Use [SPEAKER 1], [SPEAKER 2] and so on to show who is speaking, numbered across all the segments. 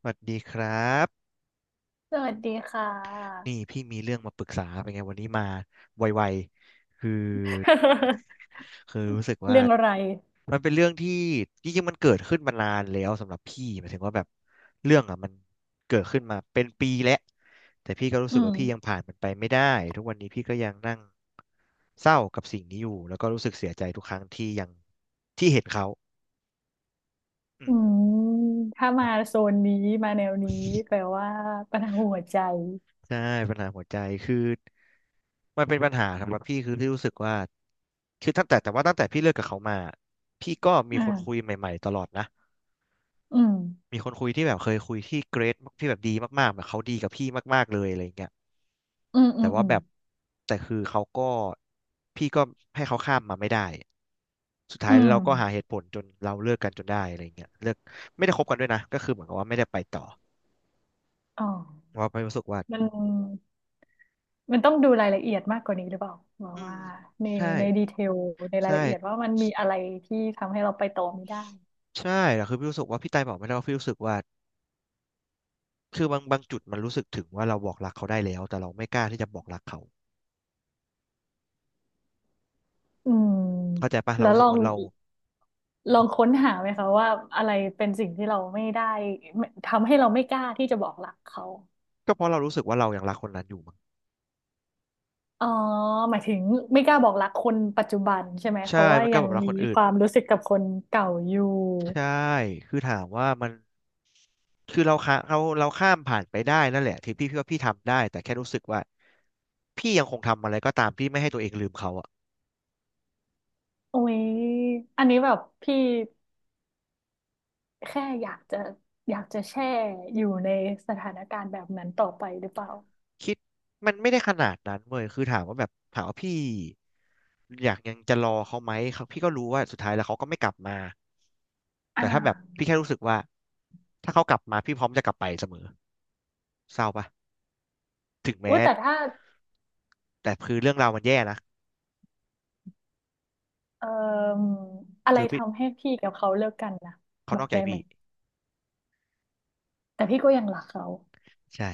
[SPEAKER 1] สวัสดีครับ
[SPEAKER 2] สวัสดีค่
[SPEAKER 1] นี่
[SPEAKER 2] ะ
[SPEAKER 1] พี่มีเรื่องมาปรึกษาเป็นไงวันนี้มาไวๆคือ คือรู้สึกว่า
[SPEAKER 2] เรื่องอะไร
[SPEAKER 1] มันเป็นเรื่องที่จริงๆมันเกิดขึ้นมานานแล้วสำหรับพี่หมายถึงว่าแบบเรื่องอ่ะมันเกิดขึ้นมาเป็นปีแล้วแต่พี่ก็รู้
[SPEAKER 2] อื
[SPEAKER 1] สึกว่าพี่ยัง
[SPEAKER 2] ม
[SPEAKER 1] ผ่านมันไปไม่ได้ทุกวันนี้พี่ก็ยังนั่งเศร้ากับสิ่งนี้อยู่แล้วก็รู้สึกเสียใจทุกครั้งที่ยังที่เห็นเขาอื
[SPEAKER 2] อื
[SPEAKER 1] ม
[SPEAKER 2] มถ้ามาโซนนี้มาแนวนี้แปลว่าปัญหาหัวใจ
[SPEAKER 1] ใช่ปัญหาหัวใจคือมันเป็นปัญหาสำหรับพี่คือที่รู้สึกว่าคือตั้งแต่พี่เลิกกับเขามาพี่ก็มีคนคุย
[SPEAKER 2] อ่า
[SPEAKER 1] ใหม่ๆตลอดนะ
[SPEAKER 2] อืม
[SPEAKER 1] มีคนคุยที่แบบเคยคุยที่เกรดที่แบบดีมากๆแบบเขาดีกับพี่มากๆเลยอะไรอย่างเงี้ย
[SPEAKER 2] อืมอื
[SPEAKER 1] แต่
[SPEAKER 2] ม
[SPEAKER 1] ว่า
[SPEAKER 2] อืม
[SPEAKER 1] แบบแต่คือเขาก็พี่ก็ให้เขาข้ามมาไม่ได้สุดท้า
[SPEAKER 2] อื
[SPEAKER 1] ย
[SPEAKER 2] ม
[SPEAKER 1] เราก็หาเหตุผลจนเราเลิกกันจนได้อะไรเงี้ยเลิกไม่ได้คบกันด้วยนะก็คือเหมือนกับว่าไม่ได้ไปต่อ
[SPEAKER 2] อ๋อ
[SPEAKER 1] เพราะว่าไปรู้สึกว่า
[SPEAKER 2] มันมันต้องดูรายละเอียดมากกว่านี้หรือเปล่าว่า
[SPEAKER 1] อืม
[SPEAKER 2] ว่าใน
[SPEAKER 1] ใช่
[SPEAKER 2] ในดีเทลในราย
[SPEAKER 1] ใช่
[SPEAKER 2] ละเอียดว่ามันมีอะไรที่ทำให้เราไปต่อไม่ได้
[SPEAKER 1] ใช่แต่คือพี่รู้สึกว่าพี่ไตายบอกไม่ได้ว่าพี่รู้สึกว่าคือบางจุดมันรู้สึกถึงว่าเราบอกรักเขาได้แล้วแต่เราไม่กล้าที่จะบอกรักเขา
[SPEAKER 2] อืม
[SPEAKER 1] เข้าใจปะ
[SPEAKER 2] แล้
[SPEAKER 1] เรา
[SPEAKER 2] ว
[SPEAKER 1] รู้
[SPEAKER 2] ล
[SPEAKER 1] สึ
[SPEAKER 2] อ
[SPEAKER 1] ก
[SPEAKER 2] ง
[SPEAKER 1] ว่าเราอื
[SPEAKER 2] ลอง
[SPEAKER 1] ม
[SPEAKER 2] ค้นหาไหมคะว่าอะไรเป็นสิ่งที่เราไม่ได้ไม่ทำให้เราไม่กล้าที่จะบอกรักเขา
[SPEAKER 1] ก็เพราะเรารู้สึกว่าเรายังรักคนนั้นอยู่มั้ง
[SPEAKER 2] อ๋อหมายถึงไม่กล้าบอกรักคนปัจจุบันใช่ไหมเพ
[SPEAKER 1] ใช่
[SPEAKER 2] ราะว่า
[SPEAKER 1] มันก็
[SPEAKER 2] ยั
[SPEAKER 1] แบ
[SPEAKER 2] ง
[SPEAKER 1] บรัก
[SPEAKER 2] มี
[SPEAKER 1] คนอื่
[SPEAKER 2] ค
[SPEAKER 1] น
[SPEAKER 2] วามรู้สึกกับคนเก่าอยู่
[SPEAKER 1] ใช่คือถามว่ามันคือเราข้ามผ่านไปได้นั่นแหละที่พี่ว่าพี่ทำได้แต่แค่รู้สึกว่าพี่ยังคงทำอะไรก็ตามที่ไม่ให้ตัวเองลืมเขาอะ
[SPEAKER 2] โอ้ยอันนี้แบบพี่แค่อยากจะแช่อยู่ในสถานการณ์แบบนั้นต่อไปหรือเปล่า
[SPEAKER 1] คิดมันไม่ได้ขนาดนั้นเว้ยคือถามว่าแบบถามว่าพี่อยากยังจะรอเขาไหมเขาพี่ก็รู้ว่าสุดท้ายแล้วเขาก็ไม่กลับมา
[SPEAKER 2] อ่
[SPEAKER 1] แต่ถ้าแบบ
[SPEAKER 2] า
[SPEAKER 1] พี่แค่รู้สึกว่าถ้าเขากลับมาพี่พร้อมจะกลับไปเสมอเศร้าปะถึง
[SPEAKER 2] อุ้
[SPEAKER 1] แม้
[SPEAKER 2] ยแต่ถ้า
[SPEAKER 1] แต่คือเรื่องราวมันแย่นะ
[SPEAKER 2] เอ่ออะไร
[SPEAKER 1] คือพี่
[SPEAKER 2] ทำให้พี่กับเขาเลิกกันนะ
[SPEAKER 1] เขา
[SPEAKER 2] บอ
[SPEAKER 1] นอ
[SPEAKER 2] ก
[SPEAKER 1] กใจ
[SPEAKER 2] ได้ไหม
[SPEAKER 1] พี่
[SPEAKER 2] แต่พี่ก็ยังรักเขา
[SPEAKER 1] ใช่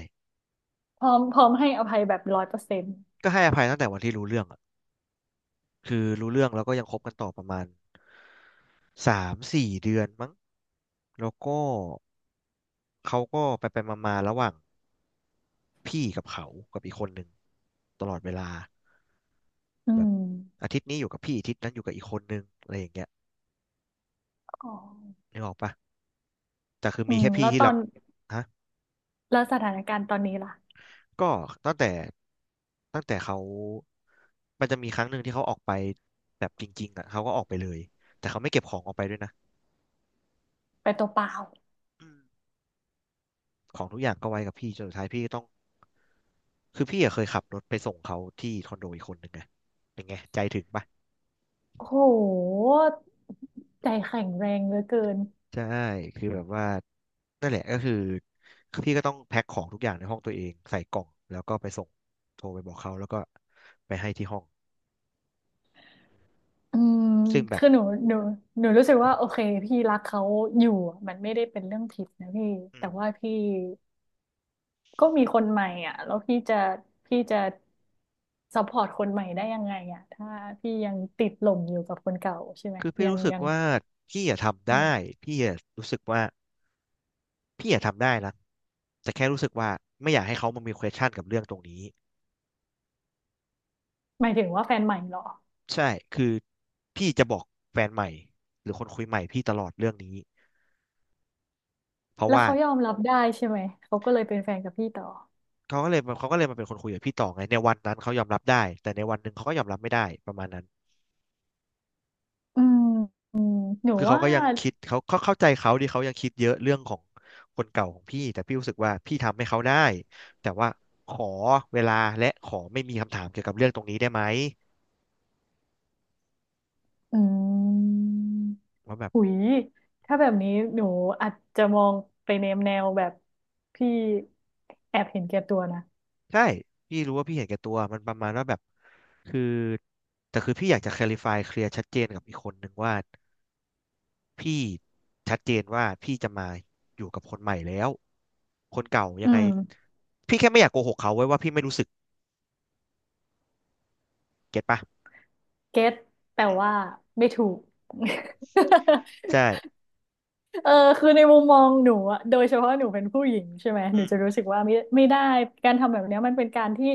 [SPEAKER 2] พร้อมให้อภัยแบบร้อยเปอร์เซ็นต์
[SPEAKER 1] ก็ให้อภัยตั้งแต่วันที่รู้เรื่องอะคือรู้เรื่องแล้วก็ยังคบกันต่อประมาณ3-4 เดือนมั้งแล้วก็เขาก็ไปไปมาๆระหว่าง พี่กับเขากับอีกคนหนึ่งตลอดเวลา
[SPEAKER 2] อื
[SPEAKER 1] แบบ
[SPEAKER 2] ม
[SPEAKER 1] อาทิตย์นี้อยู่กับพี่อาทิตย์นั้นอยู่กับอีกคนนึงอะไรอย่างเงี้ย
[SPEAKER 2] อ๋อ
[SPEAKER 1] นึกออกปะแต่คือ
[SPEAKER 2] อื
[SPEAKER 1] มี
[SPEAKER 2] ม
[SPEAKER 1] แค่พี่
[SPEAKER 2] แล้ว
[SPEAKER 1] ที่
[SPEAKER 2] ตอ
[SPEAKER 1] รับ
[SPEAKER 2] น
[SPEAKER 1] ฮะ
[SPEAKER 2] แล้วสถานการณ์ตอนนี้ล่ะ
[SPEAKER 1] ก็ตั้งแต่ตั้งแต่เขา มันจะมีครั้งหนึ่งที่เขาออกไปแบบจริงๆอ่ะเขาก็ออกไปเลยแต่เขาไม่เก็บของออกไปด้วยนะ
[SPEAKER 2] ไปตัวเปล่า
[SPEAKER 1] อืมของทุกอย่างก็ไว้กับพี่จนสุดท้ายพี่ก็ต้องคือพี่อะเคยขับรถไปส่งเขาที่คอนโดอีกคนหนึงไงเป็นไงใจถึงปะ
[SPEAKER 2] โอ้โหใจแข็งแรงเหลือเกิน
[SPEAKER 1] ใช่คือแบบว่านั่นแหละก็คือพี่ก็ต้องแพ็คของทุกอย่างในห้องตัวเองใส่กล่องแล้วก็ไปส่งโทรไปบอกเขาแล้วก็ไปให้ที่ห้อง
[SPEAKER 2] อืม
[SPEAKER 1] ซึ่งแบบ
[SPEAKER 2] คือหนูหนูรู้สึกว่าโอเคพี่รักเขาอยู่อะมันไม่ได้เป็นเรื่องผิดนะพี่
[SPEAKER 1] อื
[SPEAKER 2] แต่
[SPEAKER 1] ม
[SPEAKER 2] ว่าพี่ก็มีคนใหม่อ่ะแล้วพี่จะซัพพอร์ตคนใหม่ได้ยังไงอ่ะถ้าพี่ยังติดหลงอยู่กับคนเก่าใช่ไหม
[SPEAKER 1] คือพี่
[SPEAKER 2] ยัง
[SPEAKER 1] รู้สึก
[SPEAKER 2] ยัง
[SPEAKER 1] ว่าพี่อยากทำได้พี่อยากรู้สึกว่าพี่อยากทำได้นะแต่แค่รู้สึกว่าไม่อยากให้เขามามี question กับเรื่องตรงนี้
[SPEAKER 2] หมายถึงว่าแฟนใหม่เหรอ
[SPEAKER 1] ใช่คือพี่จะบอกแฟนใหม่หรือคนคุยใหม่พี่ตลอดเรื่องนี้เพราะ
[SPEAKER 2] แล้ว
[SPEAKER 1] ว่า
[SPEAKER 2] เขายอมรับได้ใช่ไหมเขาก็เลยเป็นแฟนกับพี่ต่อ
[SPEAKER 1] เขาก็เลยมาเขาก็เลยมาเป็นคนคุยกับพี่ต่อไงในวันนั้นเขายอมรับได้แต่ในวันหนึ่งเขาก็ยอมรับไม่ได้ประมาณนั้น
[SPEAKER 2] อืมอืมหนู
[SPEAKER 1] คือเขา
[SPEAKER 2] ว่า
[SPEAKER 1] ก็ยังคิดเขาเข้าใจเขาดี่เขายังคิดเยอะเรื่องของคนเก่าของพี่แต่พี่รู้สึกว่าพี่ทำให้เขาได้แต่ว่าขอเวลาและขอไม่มีคำถามเกี่ยวกับเรื่องตรงนี้ได้ไหม
[SPEAKER 2] อืม
[SPEAKER 1] ว่าแบบ
[SPEAKER 2] หุยถ้าแบบนี้หนูอาจจะมองไปในแนวแบบพี่แอบเห็นแก่ตัวนะ
[SPEAKER 1] ใช่พี่รู้ว่าพี่เห็นแก่ตัวมันประมาณว่าแบบคือแต่คือพี่อยากจะ clarify เคลียร์ชัดเจนกับอีกคนหนึ่งว่า พี่ชัดเจนว่าพี่จะมาอยู่กับคนใหม่แล้วคนเก่ายั
[SPEAKER 2] อื
[SPEAKER 1] งไง
[SPEAKER 2] ม
[SPEAKER 1] พี่แค่ไม่อยากโกหกเขาไว้ว่าพี่ไม่รู้สึกเก็ตปะ
[SPEAKER 2] เก็ตแต่
[SPEAKER 1] อืม
[SPEAKER 2] ว่าไม่ถูก
[SPEAKER 1] อืม ใช่
[SPEAKER 2] เออคือในมุมมองหนูอะโดยเฉพาะหนูเป็นผู้หญิงใช่ไหมหนู
[SPEAKER 1] อืม
[SPEAKER 2] จะรู้สึกว่าไม่ไม่ได้การทำแบบเนี้ยมันเป็นการที่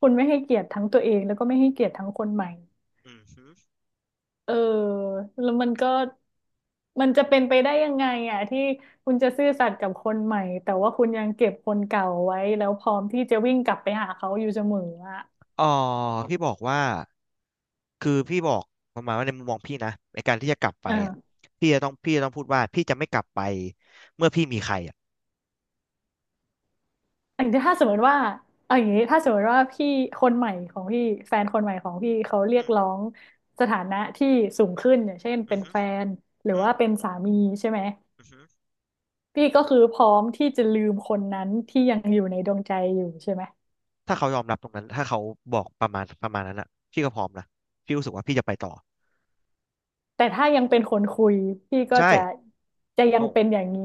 [SPEAKER 2] คุณไม่ให้เกียรติทั้งตัวเองแล้วก็ไม่ให้เกียรติทั้งคนใหม่
[SPEAKER 1] อืมฮึ
[SPEAKER 2] เออแล้วมันก็มันจะเป็นไปได้ยังไงอ่ะที่คุณจะซื่อสัตย์กับคนใหม่แต่ว่าคุณยังเก็บคนเก่าไว้แล้วพร้อมที่จะวิ่งกลับไปหาเขาอยู่เสมออ่ะ
[SPEAKER 1] อ๋อพี่บอกว่าคือพี่บอกประมาณว่าในมุมมองพี่นะในการที่จะกลับไปอ่ะ
[SPEAKER 2] เออ
[SPEAKER 1] พี่จะต้องพูดว่าพี่จะไม่กลับไปเมื่อพี่มีใครอ่ะ
[SPEAKER 2] อันนี้ถ้าสมมติว่าเอาอย่างนี้ถ้าสมมติว่าพี่คนใหม่ของพี่แฟนคนใหม่ของพี่เขาเรี
[SPEAKER 1] อื
[SPEAKER 2] ยก
[SPEAKER 1] ม
[SPEAKER 2] ร้องสถานะที่สูงขึ้นอย่างเช่น
[SPEAKER 1] อื
[SPEAKER 2] เป็
[SPEAKER 1] ม
[SPEAKER 2] น
[SPEAKER 1] ฮึ
[SPEAKER 2] แฟนหรือ
[SPEAKER 1] อืม
[SPEAKER 2] ว่าเป็นสามีใช่ไหม
[SPEAKER 1] อืมฮึ
[SPEAKER 2] พี่ก็คือพร้อมที่จะลืมคนนั้นที่ยังอยู่ในดวงใจอยู่ใช่ไหม
[SPEAKER 1] ถ้าเขายอมรับตรงนั้นถ้าเขาบอกประมาณนั้นอ่ะพี่ก็พร้อมนะพี่รู้สึกว่าพี่จะไปต่อ
[SPEAKER 2] แต่ถ้ายังเป็นคนคุยพี่ก็
[SPEAKER 1] ใช่
[SPEAKER 2] จะจะยังเป็นอย่างนี้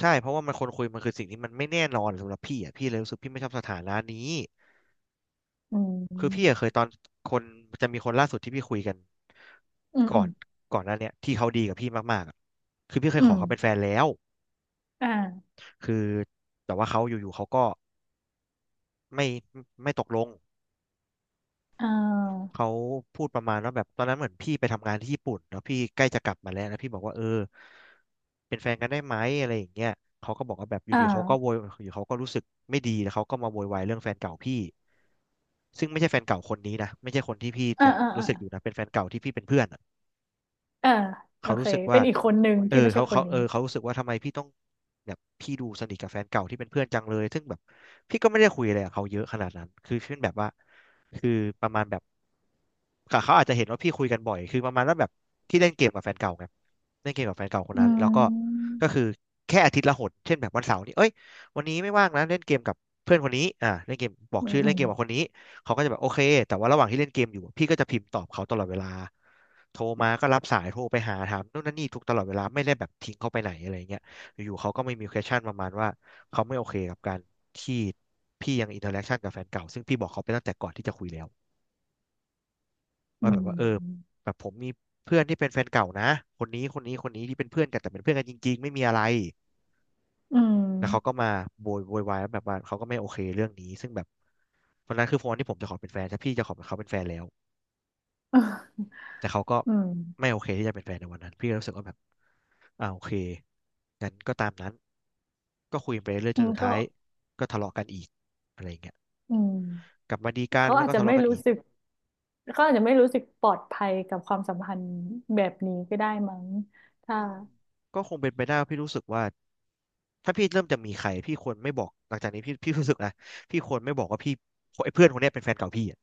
[SPEAKER 1] ใช่เพราะว่ามันคนคุยมันคือสิ่งที่มันไม่แน่นอนสำหรับพี่อ่ะพี่เลยรู้สึกพี่ไม่ชอบสถานะนี้
[SPEAKER 2] อื
[SPEAKER 1] คือพี่อะ
[SPEAKER 2] ม
[SPEAKER 1] เคยตอนคนจะมีคนล่าสุดที่พี่คุยกัน
[SPEAKER 2] อืม
[SPEAKER 1] ก่
[SPEAKER 2] อื
[SPEAKER 1] อ
[SPEAKER 2] ม
[SPEAKER 1] นก่อนหน้าเนี้ยที่เขาดีกับพี่มากๆอะคือพี่เค
[SPEAKER 2] อื
[SPEAKER 1] ยขอ
[SPEAKER 2] ม
[SPEAKER 1] เขาเป็นแฟนแล้ว
[SPEAKER 2] อ่า
[SPEAKER 1] คือแต่ว่าเขาอยู่ๆเขาก็ไม่ไม่ตกลง
[SPEAKER 2] อ่า
[SPEAKER 1] เขาพูดประมาณว่าแบบตอนนั้นเหมือนพี่ไปทำงานที่ญี่ปุ่นแล้วพี่ใกล้จะกลับมาแล้วแล้วพี่บอกว่าเออเป็นแฟนกันได้ไหมอะไรอย่างเงี้ยเขาก็บอกว่าแบบอยู่
[SPEAKER 2] อ่
[SPEAKER 1] ดีเขาก็โว
[SPEAKER 2] า
[SPEAKER 1] ยอยู่เขาก็รู้สึกไม่ดีแล้วเขาก็มาโวยวายเรื่องแฟนเก่าพี่ซึ่งไม่ใช่แฟนเก่าคนนี้นะไม่ใช่คนที่พี่
[SPEAKER 2] อ่า
[SPEAKER 1] ยัง
[SPEAKER 2] อ่า
[SPEAKER 1] รู้
[SPEAKER 2] อ่า
[SPEAKER 1] สึกอยู่นะเป็นแฟนเก่าที่พี่เป็นเพื่อนอะ
[SPEAKER 2] อ่าโอ
[SPEAKER 1] เขา
[SPEAKER 2] เค
[SPEAKER 1] รู้สึก
[SPEAKER 2] เป็
[SPEAKER 1] ว่า
[SPEAKER 2] นอีกคนหนึ่ง
[SPEAKER 1] เออ
[SPEAKER 2] ที่ไม่ใช่
[SPEAKER 1] เขา
[SPEAKER 2] ค
[SPEAKER 1] เขา
[SPEAKER 2] นนี้
[SPEAKER 1] เออเขารู้สึกว่าทำไมพี่ต้องแบบพี่ดูสนิทกับแฟนเก่าที่เป็นเพื่อนจังเลยซึ่งแบบพี่ก็ไม่ได้คุยอะไรกับเขาเยอะขนาดนั้นคือเช่นแบบว่าคือประมาณแบบค่ะเขาอาจจะเห็นว่าพี่คุยกันบ่อยคือประมาณว่าแบบพี่เล่นเกมกับแฟนเก่าไงเล่นเกมกับแฟนเก่าคน
[SPEAKER 2] อื
[SPEAKER 1] นั้นแล้วก็
[SPEAKER 2] ม
[SPEAKER 1] ก็คือแค่อาทิตย์ละหนเช่นแบบวันเสาร์นี้เอ้ยวันนี้ไม่ว่างนะเล่นเกมกับเพื่อนคนนี้เล่นเกมบอก
[SPEAKER 2] อืม
[SPEAKER 1] ชื่อ
[SPEAKER 2] อื
[SPEAKER 1] เล่น
[SPEAKER 2] ม
[SPEAKER 1] เกมกับคนนี้เขาก็จะแบบโอเคแต่ว่าระหว่างที่เล่นเกมอยู่พี่ก็จะพิมพ์ตอบเขาตลอดเวลา โทรมาก็รับสายโทรไปหาถามนู่นนั่นนี่ทุกตลอดเวลาไม่ได้แบบทิ้งเขาไปไหนอะไรเงี้ยอยู่ๆเขาก็ไม่มี question ประมาณว่าเขาไม่โอเคกับการที่พี่ยังอินเทอร์แอคชั่นกับแฟนเก่าซึ่งพี่บอกเขาไปตั้งแต่ก่อนที่จะคุยแล้ว
[SPEAKER 2] อื
[SPEAKER 1] ว่าแบบว่าเออ
[SPEAKER 2] ม
[SPEAKER 1] แบบผมมีเพื่อนที่เป็นแฟนเก่านะคนนี้คนนี้คนนี้ที่เป็นเพื่อนกันแต่เป็นเพื่อนกันจริงๆไม่มีอะไร
[SPEAKER 2] อืม
[SPEAKER 1] แล้วเขาก็มาโวยวายว่าแบบว่าเขาก็ไม่โอเคเรื่องนี้ซึ่งแบบวันนั้นคือโฟนที่ผมจะขอเป็นแฟนแต่พี่จะขอเป็นเขาเป็นแฟนแล้ว แต่เขาก็
[SPEAKER 2] อืม
[SPEAKER 1] ไม่โอเคที่จะเป็นแฟนในวันนั้นพี่ก็รู้สึกว่าแบบโอเคงั้นก็ตามนั้นก็คุยไปเรื่อยจนสุด
[SPEAKER 2] เขา
[SPEAKER 1] ท้ายก็ทะเลาะกันอีกอะไรอย่างเงี้ย
[SPEAKER 2] อืม
[SPEAKER 1] กลับมาดีกัน
[SPEAKER 2] เขา
[SPEAKER 1] แล้ว
[SPEAKER 2] อาจ
[SPEAKER 1] ก็
[SPEAKER 2] จะ
[SPEAKER 1] ทะ
[SPEAKER 2] ไม่
[SPEAKER 1] เลาะกัน
[SPEAKER 2] รู้
[SPEAKER 1] อีก
[SPEAKER 2] สึกเขาอาจจะไม่รู้สึกปลอดภัยกับความสัมพันธ์แบบนี้ก็ได้มั้งถ้า
[SPEAKER 1] อืมก็คงเป็นไปได้ว่าพี่รู้สึกว่าถ้าพี่เริ่มจะมีใครพี่ควรไม่บอกหลังจากนี้พี่รู้สึกนะพี่ควรไม่บอกว่าพี่ไอ้เพื่อนคนเนี้ยเป็นแฟนเก่าพี่อะ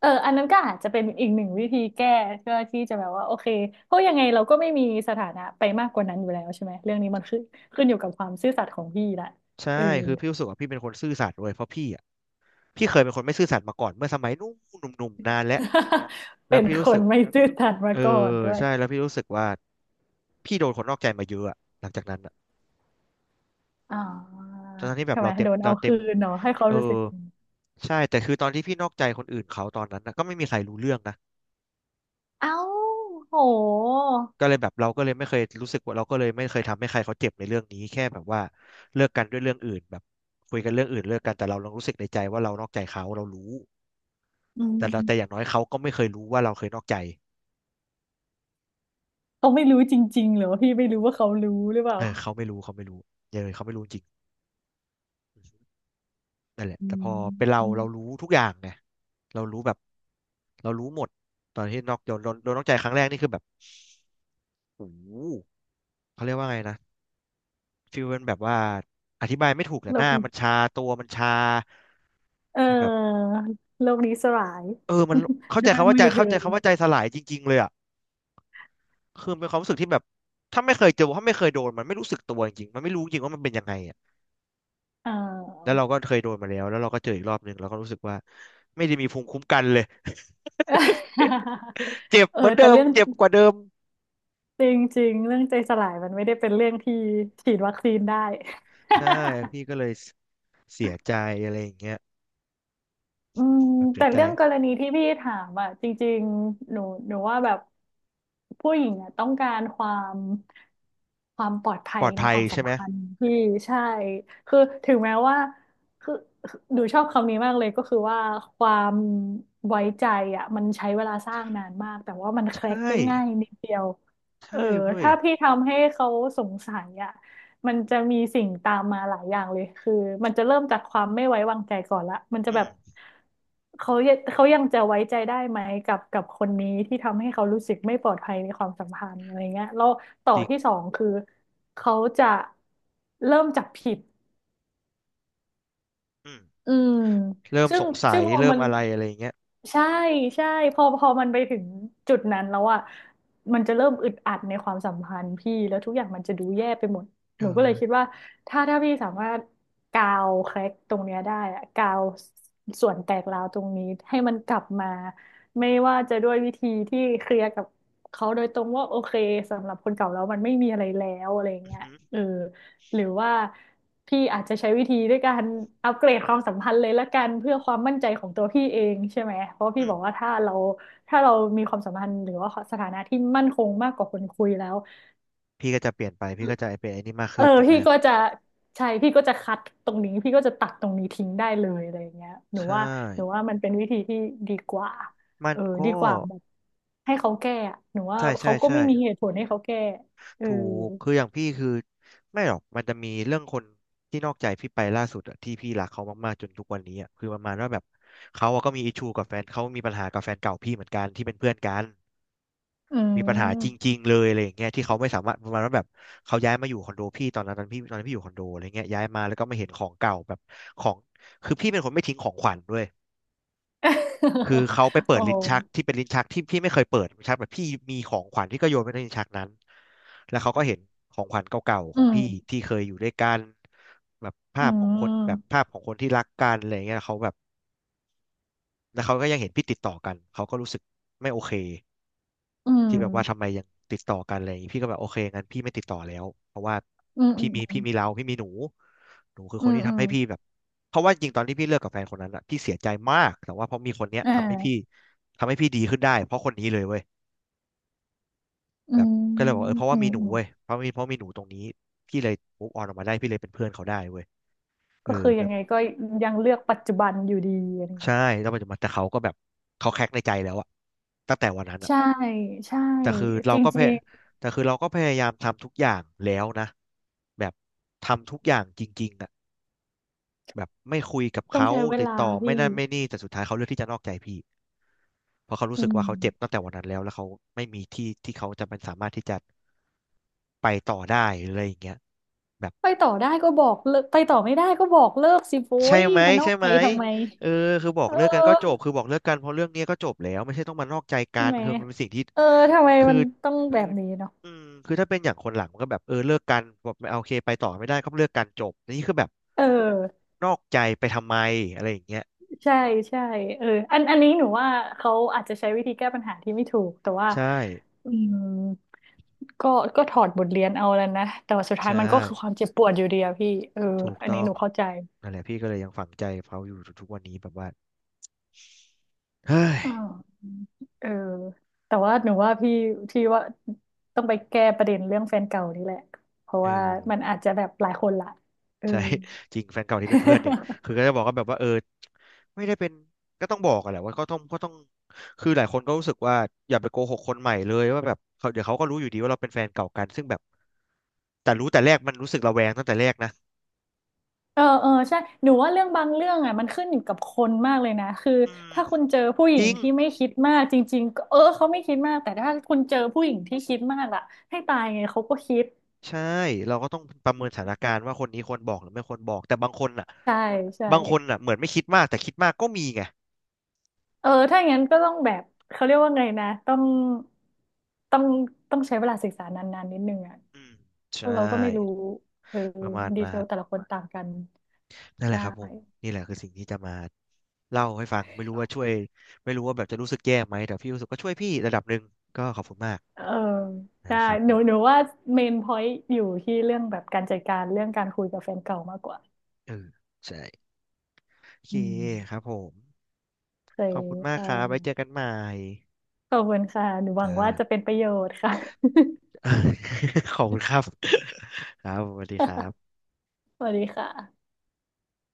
[SPEAKER 2] เอออันนั้นก็อาจจะเป็นอีกหนึ่งวิธีแก้เพื่อที่จะแบบว่าโอเคเพราะยังไงเราก็ไม่มีสถานะไปมากกว่านั้นอยู่แล้วใช่ไหมเรื่องนี้มันขึ้นอยู่กับความซื่อสัตย์ของพี่ละ
[SPEAKER 1] ใช่
[SPEAKER 2] เออ
[SPEAKER 1] คือพี่รู้สึกว่าพี่เป็นคนซื่อสัตย์ด้วยเพราะพี่อะ พี่เคยเป็นคนไม่ซื่อสัตย์มาก่อนเมื่อสมัยนู้นหนุ่มๆนานแล้ว แล้ว
[SPEAKER 2] เป็น
[SPEAKER 1] พี่รู้
[SPEAKER 2] ค
[SPEAKER 1] สึ
[SPEAKER 2] น
[SPEAKER 1] ก
[SPEAKER 2] ไม่ซื่อสัตย์
[SPEAKER 1] เอ
[SPEAKER 2] มา
[SPEAKER 1] อ
[SPEAKER 2] ก่อนด้วย
[SPEAKER 1] ใช่แล้วพี่รู้สึกว่าพี่โดนคนนอกใจมาเยอะอะหลังจากนั้นอะ
[SPEAKER 2] อ๋อ
[SPEAKER 1] ตอนนั้นที่แบบ
[SPEAKER 2] ทำไม
[SPEAKER 1] เราเต็ม
[SPEAKER 2] โดน
[SPEAKER 1] เรา
[SPEAKER 2] เอา
[SPEAKER 1] เต็
[SPEAKER 2] คื
[SPEAKER 1] ม
[SPEAKER 2] นเนาะให้เขา
[SPEAKER 1] เออ
[SPEAKER 2] รู้สึก
[SPEAKER 1] ใช่แต่คือตอนที่พี่นอกใจคนอื่นเขาตอนนั้นนะก็ไม่มีใครรู้เรื่องนะ
[SPEAKER 2] เอ้าโห
[SPEAKER 1] อืมก็เลยแบบเราก็เลยไม่เคยรู้สึกว่าเราก็เลยไม่เคยทำให้ใครเขาเจ็บในเรื่องนี้แค่แบบว่าเลิกกันด้วยเรื่องอื่นแบบคุยกันเรื่องอื่นเลิกกันแต่เรายังรู้สึกในใจว่าเรานอกใจเขาเรารู้
[SPEAKER 2] อื
[SPEAKER 1] แต่เราแต่อย่าง
[SPEAKER 2] ม
[SPEAKER 1] น้อยเขาก็ไม่เคยรู้ว่าเราเคยนอกใจ
[SPEAKER 2] เขาไม่รู้จริงๆเหรอพี่ไม่รู้ว่าเขารู้หรือเปล่า
[SPEAKER 1] เออเขาไม่รู้เขาไม่รู้อย่าเลยเขาไม่รู้จริงอืมนั่นแหละ
[SPEAKER 2] อื
[SPEAKER 1] แต่พอเป็นเรา
[SPEAKER 2] ม
[SPEAKER 1] เรารู้ทุกอย่างไงเรารู้แบบเรารู้หมดตอนที่นอกโดนโดนโดนนอกใจครั้งแรกนี่คือแบบโอ้โหเขาเรียกว่าไงนะฟีลเป็นแบบว่าอธิบายไม่ถูกแต่
[SPEAKER 2] โล
[SPEAKER 1] หน้า
[SPEAKER 2] ก
[SPEAKER 1] มันชาตัวมันชา
[SPEAKER 2] เอ
[SPEAKER 1] มันแบบ
[SPEAKER 2] อโลกนี้สลาย
[SPEAKER 1] เออมันเข้า
[SPEAKER 2] ด้
[SPEAKER 1] ใจ
[SPEAKER 2] วย
[SPEAKER 1] คำว่า
[SPEAKER 2] มื
[SPEAKER 1] ใจ
[SPEAKER 2] อเธอ
[SPEAKER 1] เข้าใจคำว่าใจสลายจริงๆเลยอ่ะคือเป็นความรู้สึกที่แบบถ้าไม่เคยเจอถ้าไม่เคยโดนมันไม่รู้สึกตัวจริงๆมันไม่รู้จริงว่ามันเป็นยังไงอ่ะ
[SPEAKER 2] เอ
[SPEAKER 1] แล้ว
[SPEAKER 2] อ
[SPEAKER 1] เราก็เคยโดนมาแล้วแล้วเราก็เจออีกรอบหนึ่งเราก็รู้สึกว่าไม่ได้มีภูมิคุ้มกันเลย เจ็ บ
[SPEAKER 2] เออ
[SPEAKER 1] เหมือน
[SPEAKER 2] แต่
[SPEAKER 1] เดิม
[SPEAKER 2] เรื่อง
[SPEAKER 1] เจ็บกว่าเดิม
[SPEAKER 2] จริงๆเรื่องใจสลายมันไม่ได้เป็นเรื่องที่ฉีดวัคซีนได้
[SPEAKER 1] ใช่ พี่ก็เลยเสียใจอะไรอย่างเงี้ย
[SPEAKER 2] อืม
[SPEAKER 1] แบบเสี
[SPEAKER 2] แต่
[SPEAKER 1] ยใจ
[SPEAKER 2] เรื่องกรณีที่พี่ถามอ่ะจริงๆหนูว่าแบบผู้หญิงอ่ะต้องการความปลอดภั
[SPEAKER 1] ป
[SPEAKER 2] ย
[SPEAKER 1] ลอด
[SPEAKER 2] ใน
[SPEAKER 1] ภั
[SPEAKER 2] ค
[SPEAKER 1] ย
[SPEAKER 2] วามสั
[SPEAKER 1] ใช่
[SPEAKER 2] ม
[SPEAKER 1] ไหม
[SPEAKER 2] พันธ์พี่ใช่คือถึงแม้ว่าคือคือหนูชอบคำนี้มากเลยก็คือว่าความไว้ใจอ่ะมันใช้เวลาสร้างนานมากแต่ว่ามันแคร็ก
[SPEAKER 1] ใช่
[SPEAKER 2] ได้ง่ายนิดเดียวเออ
[SPEAKER 1] ใช่เว้ย
[SPEAKER 2] ถ้าพี่ทำให้เขาสงสัยอ่ะ มันจะมีสิ่งตามมาหลายอย่างเลย คือมันจะเริ่มจากความไม่ไว้วางใจก่อนละ มันจะ
[SPEAKER 1] อื
[SPEAKER 2] แบบ
[SPEAKER 1] ม
[SPEAKER 2] เขายังจะไว้ใจได้ไหมกับคนนี้ที่ทำให้เขารู้สึกไม่ปลอดภัยในความสัมพันธ์อะไรเงี้ยแล้วต่อ
[SPEAKER 1] จริง
[SPEAKER 2] ที่สองคือเขาจะเริ่มจับผิด
[SPEAKER 1] อืม
[SPEAKER 2] อืม
[SPEAKER 1] เริ่ม
[SPEAKER 2] ซึ่
[SPEAKER 1] ส
[SPEAKER 2] ง
[SPEAKER 1] งสั
[SPEAKER 2] ซึ่
[SPEAKER 1] ย
[SPEAKER 2] งพอ
[SPEAKER 1] เริ่
[SPEAKER 2] มั
[SPEAKER 1] ม
[SPEAKER 2] น
[SPEAKER 1] อะไรอะไรอย่างเงี้ย
[SPEAKER 2] ใช่ใช่พอมันไปถึงจุดนั้นแล้วอ่ะมันจะเริ่มอึดอัดในความสัมพันธ์พี่แล้วทุกอย่างมันจะดูแย่ไปหมด
[SPEAKER 1] เอ
[SPEAKER 2] หนูก็เล
[SPEAKER 1] อ
[SPEAKER 2] ยคิดว่าถ้าพี่สามารถกาวแคร็กตรงเนี้ยได้อะกาวส่วนแตกร้าวตรงนี้ให้มันกลับมาไม่ว่าจะด้วยวิธีที่เคลียร์กับเขาโดยตรงว่าโอเคสำหรับคนเก่าแล้วมันไม่มีอะไรแล้วอะไร
[SPEAKER 1] อือ
[SPEAKER 2] เงี้ย
[SPEAKER 1] หือ
[SPEAKER 2] เออ หรือว่าพี่อาจจะใช้วิธีด้วยการอัปเกรดความสัมพันธ์เลยละกันเพื่อความมั่นใจของตัวพี่เองใช่ไหมเพราะพี่
[SPEAKER 1] อืม
[SPEAKER 2] บอกว่าถ้าเรามีความสัมพันธ์หรือว่าสถานะที่มั่นคงมากกว่าคนคุยแล้ว
[SPEAKER 1] พี่ก็จะเปลี่ยนไปพี่ก็จะเป็นไอ้นี่มาก
[SPEAKER 2] เอ
[SPEAKER 1] ขึ้
[SPEAKER 2] อ
[SPEAKER 1] นถูกไหม
[SPEAKER 2] พี่ก็จะใช่พี่ก็จะคัดตรงนี้พี่ก็จะตัดตรงนี้ทิ้งได้เลยอะไรอย่างเงี้ยหนู
[SPEAKER 1] ใช่
[SPEAKER 2] ว่าหนูว่ามันเป็นวิธีที่ดีกว่า
[SPEAKER 1] มั
[SPEAKER 2] เอ
[SPEAKER 1] น
[SPEAKER 2] อดี
[SPEAKER 1] ก็
[SPEAKER 2] กว่าแบบให้เขาแก้อะหนูว่า
[SPEAKER 1] ใช่
[SPEAKER 2] เขา
[SPEAKER 1] ใช่
[SPEAKER 2] ก็
[SPEAKER 1] ใช่
[SPEAKER 2] ไม่มีเหตุผลให้เขาแก้เออ
[SPEAKER 1] ถูกคืออย่างพี่คือไม่หรอกมันจะมีเรื่องคนที่นอกใจพี่ไปล่าสุดอะที่พี่รักเขามากๆจนทุกวันนี้อะคือประมาณว่าแบบเขาอะก็มีอิชูกับแฟนเขามีปัญหากับแฟนเก่าพี่เหมือนกันที่เป็นเพื่อนกัน
[SPEAKER 2] อืม
[SPEAKER 1] มีปัญหาจริงๆเลยอะไรอย่างเงี้ยที่เขาไม่สามารถประมาณว่าแบบเขาย้ายมาอยู่คอนโดพี่ตอนนั้นตอนพี่ตอนนั้นพี่อยู่คอนโดอะไรเงี้ยย้ายมาแล้วก็มาเห็นของเก่าแบบของคือพี่เป็นคนไม่ทิ้งของขวัญด้วย คือ เขาไปเปิ
[SPEAKER 2] โอ้
[SPEAKER 1] ดลิ้นชักที่เป็นลิ้นชักที่พี่ไม่เคยเปิดลิ้นชักแบบพี่มีของขวัญที่ก็โยนไปในลิ้นชักนั้นแล้วเขาก็เห็นของขวัญเก่าๆข
[SPEAKER 2] อื
[SPEAKER 1] อง
[SPEAKER 2] ม
[SPEAKER 1] พี่ที่เคยอยู่ด้วยกันแบบ
[SPEAKER 2] อื
[SPEAKER 1] ภาพของคนแบบ
[SPEAKER 2] ม
[SPEAKER 1] ภาพของคนที่รักกันอะไรเงี้ยเขาแบบแล้วเขาก็ยังเห็นพี่ติดต่อกันเขาก็รู้สึกไม่โอเค
[SPEAKER 2] อืม
[SPEAKER 1] ที่แบบว่าทำไมยังติดต่อกันอะไรอย่างงี้พี่ก็แบบโอเคงั้นพี่ไม่ติดต่อแล้วเพราะว่า
[SPEAKER 2] อืมอื
[SPEAKER 1] พี่มีพี่
[SPEAKER 2] ม
[SPEAKER 1] มีเราพี่มีหนูหนูคือ
[SPEAKER 2] อื
[SPEAKER 1] คน
[SPEAKER 2] ม
[SPEAKER 1] ที่
[SPEAKER 2] อื
[SPEAKER 1] ทำ
[SPEAKER 2] ม
[SPEAKER 1] ให้พี่แบบเพราะว่าจริงตอนที่พี่เลิกกับแฟนคนนั้นอะพี่เสียใจมากแต่ว่าเพราะมีคนเนี้ย
[SPEAKER 2] อ่
[SPEAKER 1] ทำให้พี่
[SPEAKER 2] า
[SPEAKER 1] ทำให้พี่ดีขึ้นได้เพราะคนนี้เลยเว้ย
[SPEAKER 2] อื
[SPEAKER 1] แบบ
[SPEAKER 2] ม
[SPEAKER 1] ก็เลยบอกเออเพราะ
[SPEAKER 2] อื
[SPEAKER 1] ว่า
[SPEAKER 2] ม
[SPEAKER 1] มีหนู
[SPEAKER 2] อืม
[SPEAKER 1] เว้ยเพราะมีเพราะมีหนูตรงนี้พี่เลยมูฟออนออกมาได้พี่เลยเป็นเพื่อนเขาได้เว้ยเอ
[SPEAKER 2] ก็
[SPEAKER 1] อ
[SPEAKER 2] คือ
[SPEAKER 1] แบ
[SPEAKER 2] ยัง
[SPEAKER 1] บ
[SPEAKER 2] ไงก็ยังเลือกปัจจุบันอยู่ดีอะไรอย่าง
[SPEAKER 1] ใช่
[SPEAKER 2] เงี้ย
[SPEAKER 1] แล้วมันจะมาแต่เขาก็แบบเขาแคกในใจแล้วอะตั้งแต่วันนั้นอะ
[SPEAKER 2] ใช่ใช่
[SPEAKER 1] แต่คือเรา
[SPEAKER 2] จร
[SPEAKER 1] ก็พ
[SPEAKER 2] ิ
[SPEAKER 1] ย
[SPEAKER 2] ง
[SPEAKER 1] แต่คือเราก็พยายามทำทุกอย่างแล้วนะแบบทำทุกอย่างจริงๆอ่ะแบบไม่คุยกับ
[SPEAKER 2] ๆต้อง
[SPEAKER 1] เขา
[SPEAKER 2] ใช้เว
[SPEAKER 1] ติด
[SPEAKER 2] ลา
[SPEAKER 1] ต่อไม่
[SPEAKER 2] พี่
[SPEAKER 1] นั่นไม่นี่แต่สุดท้ายเขาเลือกที่จะนอกใจพี่เพราะเขารู้
[SPEAKER 2] อื
[SPEAKER 1] สึกว่า
[SPEAKER 2] ม
[SPEAKER 1] เขาเจ็บตั้งแต่วันนั้นแล้วแล้วเขาไม่มีที่ที่เขาจะเป็นสามารถที่จะไปต่อได้อะไรอย่างเงี้ยแบบ
[SPEAKER 2] ไปต่อได้ก็บอกเลิกไปต่อไม่ได้ก็บอกเลิกสิโว้
[SPEAKER 1] ใช่
[SPEAKER 2] ย
[SPEAKER 1] ไหม
[SPEAKER 2] มันนอ
[SPEAKER 1] ใช่
[SPEAKER 2] กใจ
[SPEAKER 1] ไหม
[SPEAKER 2] ทำไม
[SPEAKER 1] เออคือบอ
[SPEAKER 2] เ
[SPEAKER 1] กเลิกกันก็จบ
[SPEAKER 2] ออ
[SPEAKER 1] คือบอกเลิกกันเพราะเรื่องเนี้ยก็จบแล้วไม่ใช่ต้องมานอกใจกั
[SPEAKER 2] ใช่
[SPEAKER 1] น
[SPEAKER 2] ไหม
[SPEAKER 1] คือมันเป็นสิ่งที่
[SPEAKER 2] เออทำไม
[SPEAKER 1] คือ
[SPEAKER 2] มันต้องแบบนี้เนาะ
[SPEAKER 1] อืมคือถ้าเป็นอย่างคนหลังมันก็แบบเออเลิกกันแบบไม่เอาโอเคไปต่อไม่ได้ก็เลิกกันจบแต่นี่คือแบบ
[SPEAKER 2] เออ
[SPEAKER 1] นอกใจไปทำไมอะไรอย่างเงี้ย
[SPEAKER 2] ใช่ใช่เอออันนี้หนูว่าเขาอาจจะใช้วิธีแก้ปัญหาที่ไม่ถูกแต่ว่า
[SPEAKER 1] ใช่
[SPEAKER 2] อืมก็ก็ถอดบทเรียนเอาแล้วนะแต่ว่าสุดท้าย
[SPEAKER 1] ใช่
[SPEAKER 2] มันก็คือความเจ็บปวดอยู่ดีอะพี่เออ
[SPEAKER 1] ถูก
[SPEAKER 2] อัน
[SPEAKER 1] ต้
[SPEAKER 2] นี้
[SPEAKER 1] อง
[SPEAKER 2] หนูเข้าใจ
[SPEAKER 1] นั่นแหละพี่ก็เลยยังฝังใจเขาอยู่ทุกๆวันนี้แบบว่าเฮ้ย
[SPEAKER 2] อ่าวเออแต่ว่าหนูว่าพี่พี่ว่าต้องไปแก้ประเด็นเรื่องแฟนเก่านี่แหละเพราะ
[SPEAKER 1] เออ
[SPEAKER 2] ว่ามันอาจจะแบบหลายคนละเออ
[SPEAKER 1] ใช่ จริงแฟนเก่าที่เป็นเพื่อนเนี่ยคื อก็จะบอกก็แบบว่าเออไม่ได้เป็นก็ต้องบอกอะแหละว่าก็ต้องก็ต้องคือหลายคนก็รู้สึกว่าอย่าไปโกหกคนใหม่เลยว่าแบบเขาเดี๋ยวเขาก็รู้อยู่ดีว่าเราเป็นแฟนเก่ากันซึ่งแบบแต่รู้แต่แรกมันรู้สึกระแวงตั้งแต่แรกนะ
[SPEAKER 2] เออ เออ ใช่ หนูว่าเรื่องบางเรื่องอ่ะมันขึ้นอยู่กับคนมากเลยนะ คือ
[SPEAKER 1] อืม
[SPEAKER 2] ถ้าคุณเจอผู้หญิ
[SPEAKER 1] จ
[SPEAKER 2] ง
[SPEAKER 1] ริง
[SPEAKER 2] ที่ไม่คิดมากจริงๆก็เออเขาไม่คิดมาก แต่ถ้าคุณเจอผู้หญิงที่คิดมากล่ะให้ตายไงเขาก็คิด
[SPEAKER 1] ใช่เราก็ต้องประเมินสถานการณ์ว่าคนนี้ควรบอกหรือไม่ควรบอกแต่บางคนอ่ะ
[SPEAKER 2] ใช่ ใช่
[SPEAKER 1] บางคนอ่ะเหมือนไม่คิดมากแต่คิดมากก็มีไง
[SPEAKER 2] เออ ถ้าอย่างนั้นก็ต้องแบบเขาเรียกว่าไงนะต้องต้อง ต้องใช้เวลาศึกษานานๆนิดนึงอ่ะ
[SPEAKER 1] อืม
[SPEAKER 2] เพ
[SPEAKER 1] ใช่
[SPEAKER 2] ราะเราก็ไม่รู้เออ
[SPEAKER 1] ประมาณ
[SPEAKER 2] ดีเท
[SPEAKER 1] นั้
[SPEAKER 2] ล
[SPEAKER 1] น
[SPEAKER 2] แต่ละคนต่างกัน
[SPEAKER 1] นั่น
[SPEAKER 2] ใช
[SPEAKER 1] แหละครับผม
[SPEAKER 2] ่
[SPEAKER 1] นี่แหละคือสิ่งที่จะมาเล่าให้ฟังไม่รู้ว่าช่วยไม่รู้ว่าแบบจะรู้สึกแย่ไหมแต่พี่รู้สึกก็ช่วยพี่ระดับหนึ่งก็ขอบคุณมาก
[SPEAKER 2] เออใช่
[SPEAKER 1] นะครับ
[SPEAKER 2] ห
[SPEAKER 1] ผ
[SPEAKER 2] นู
[SPEAKER 1] ม
[SPEAKER 2] หนูว่าเมนพอยต์อยู่ที่เรื่องแบบการจัดการเรื่องการคุยกับแฟนเก่ามากกว่า
[SPEAKER 1] เออใช่โอเค
[SPEAKER 2] อืม
[SPEAKER 1] ครับผม
[SPEAKER 2] เค
[SPEAKER 1] ข
[SPEAKER 2] ย
[SPEAKER 1] อบคุณมา
[SPEAKER 2] ค
[SPEAKER 1] กครับไว้เจ
[SPEAKER 2] ่ะ
[SPEAKER 1] อกันใหม่
[SPEAKER 2] ขอบคุณค่ะหนูหวัง
[SPEAKER 1] จ้า
[SPEAKER 2] ว่าจะเป็นประโยชน์ค่ะ
[SPEAKER 1] ขอบคุณครับครับสวัสดีครับ
[SPEAKER 2] สวัสดีค่ะ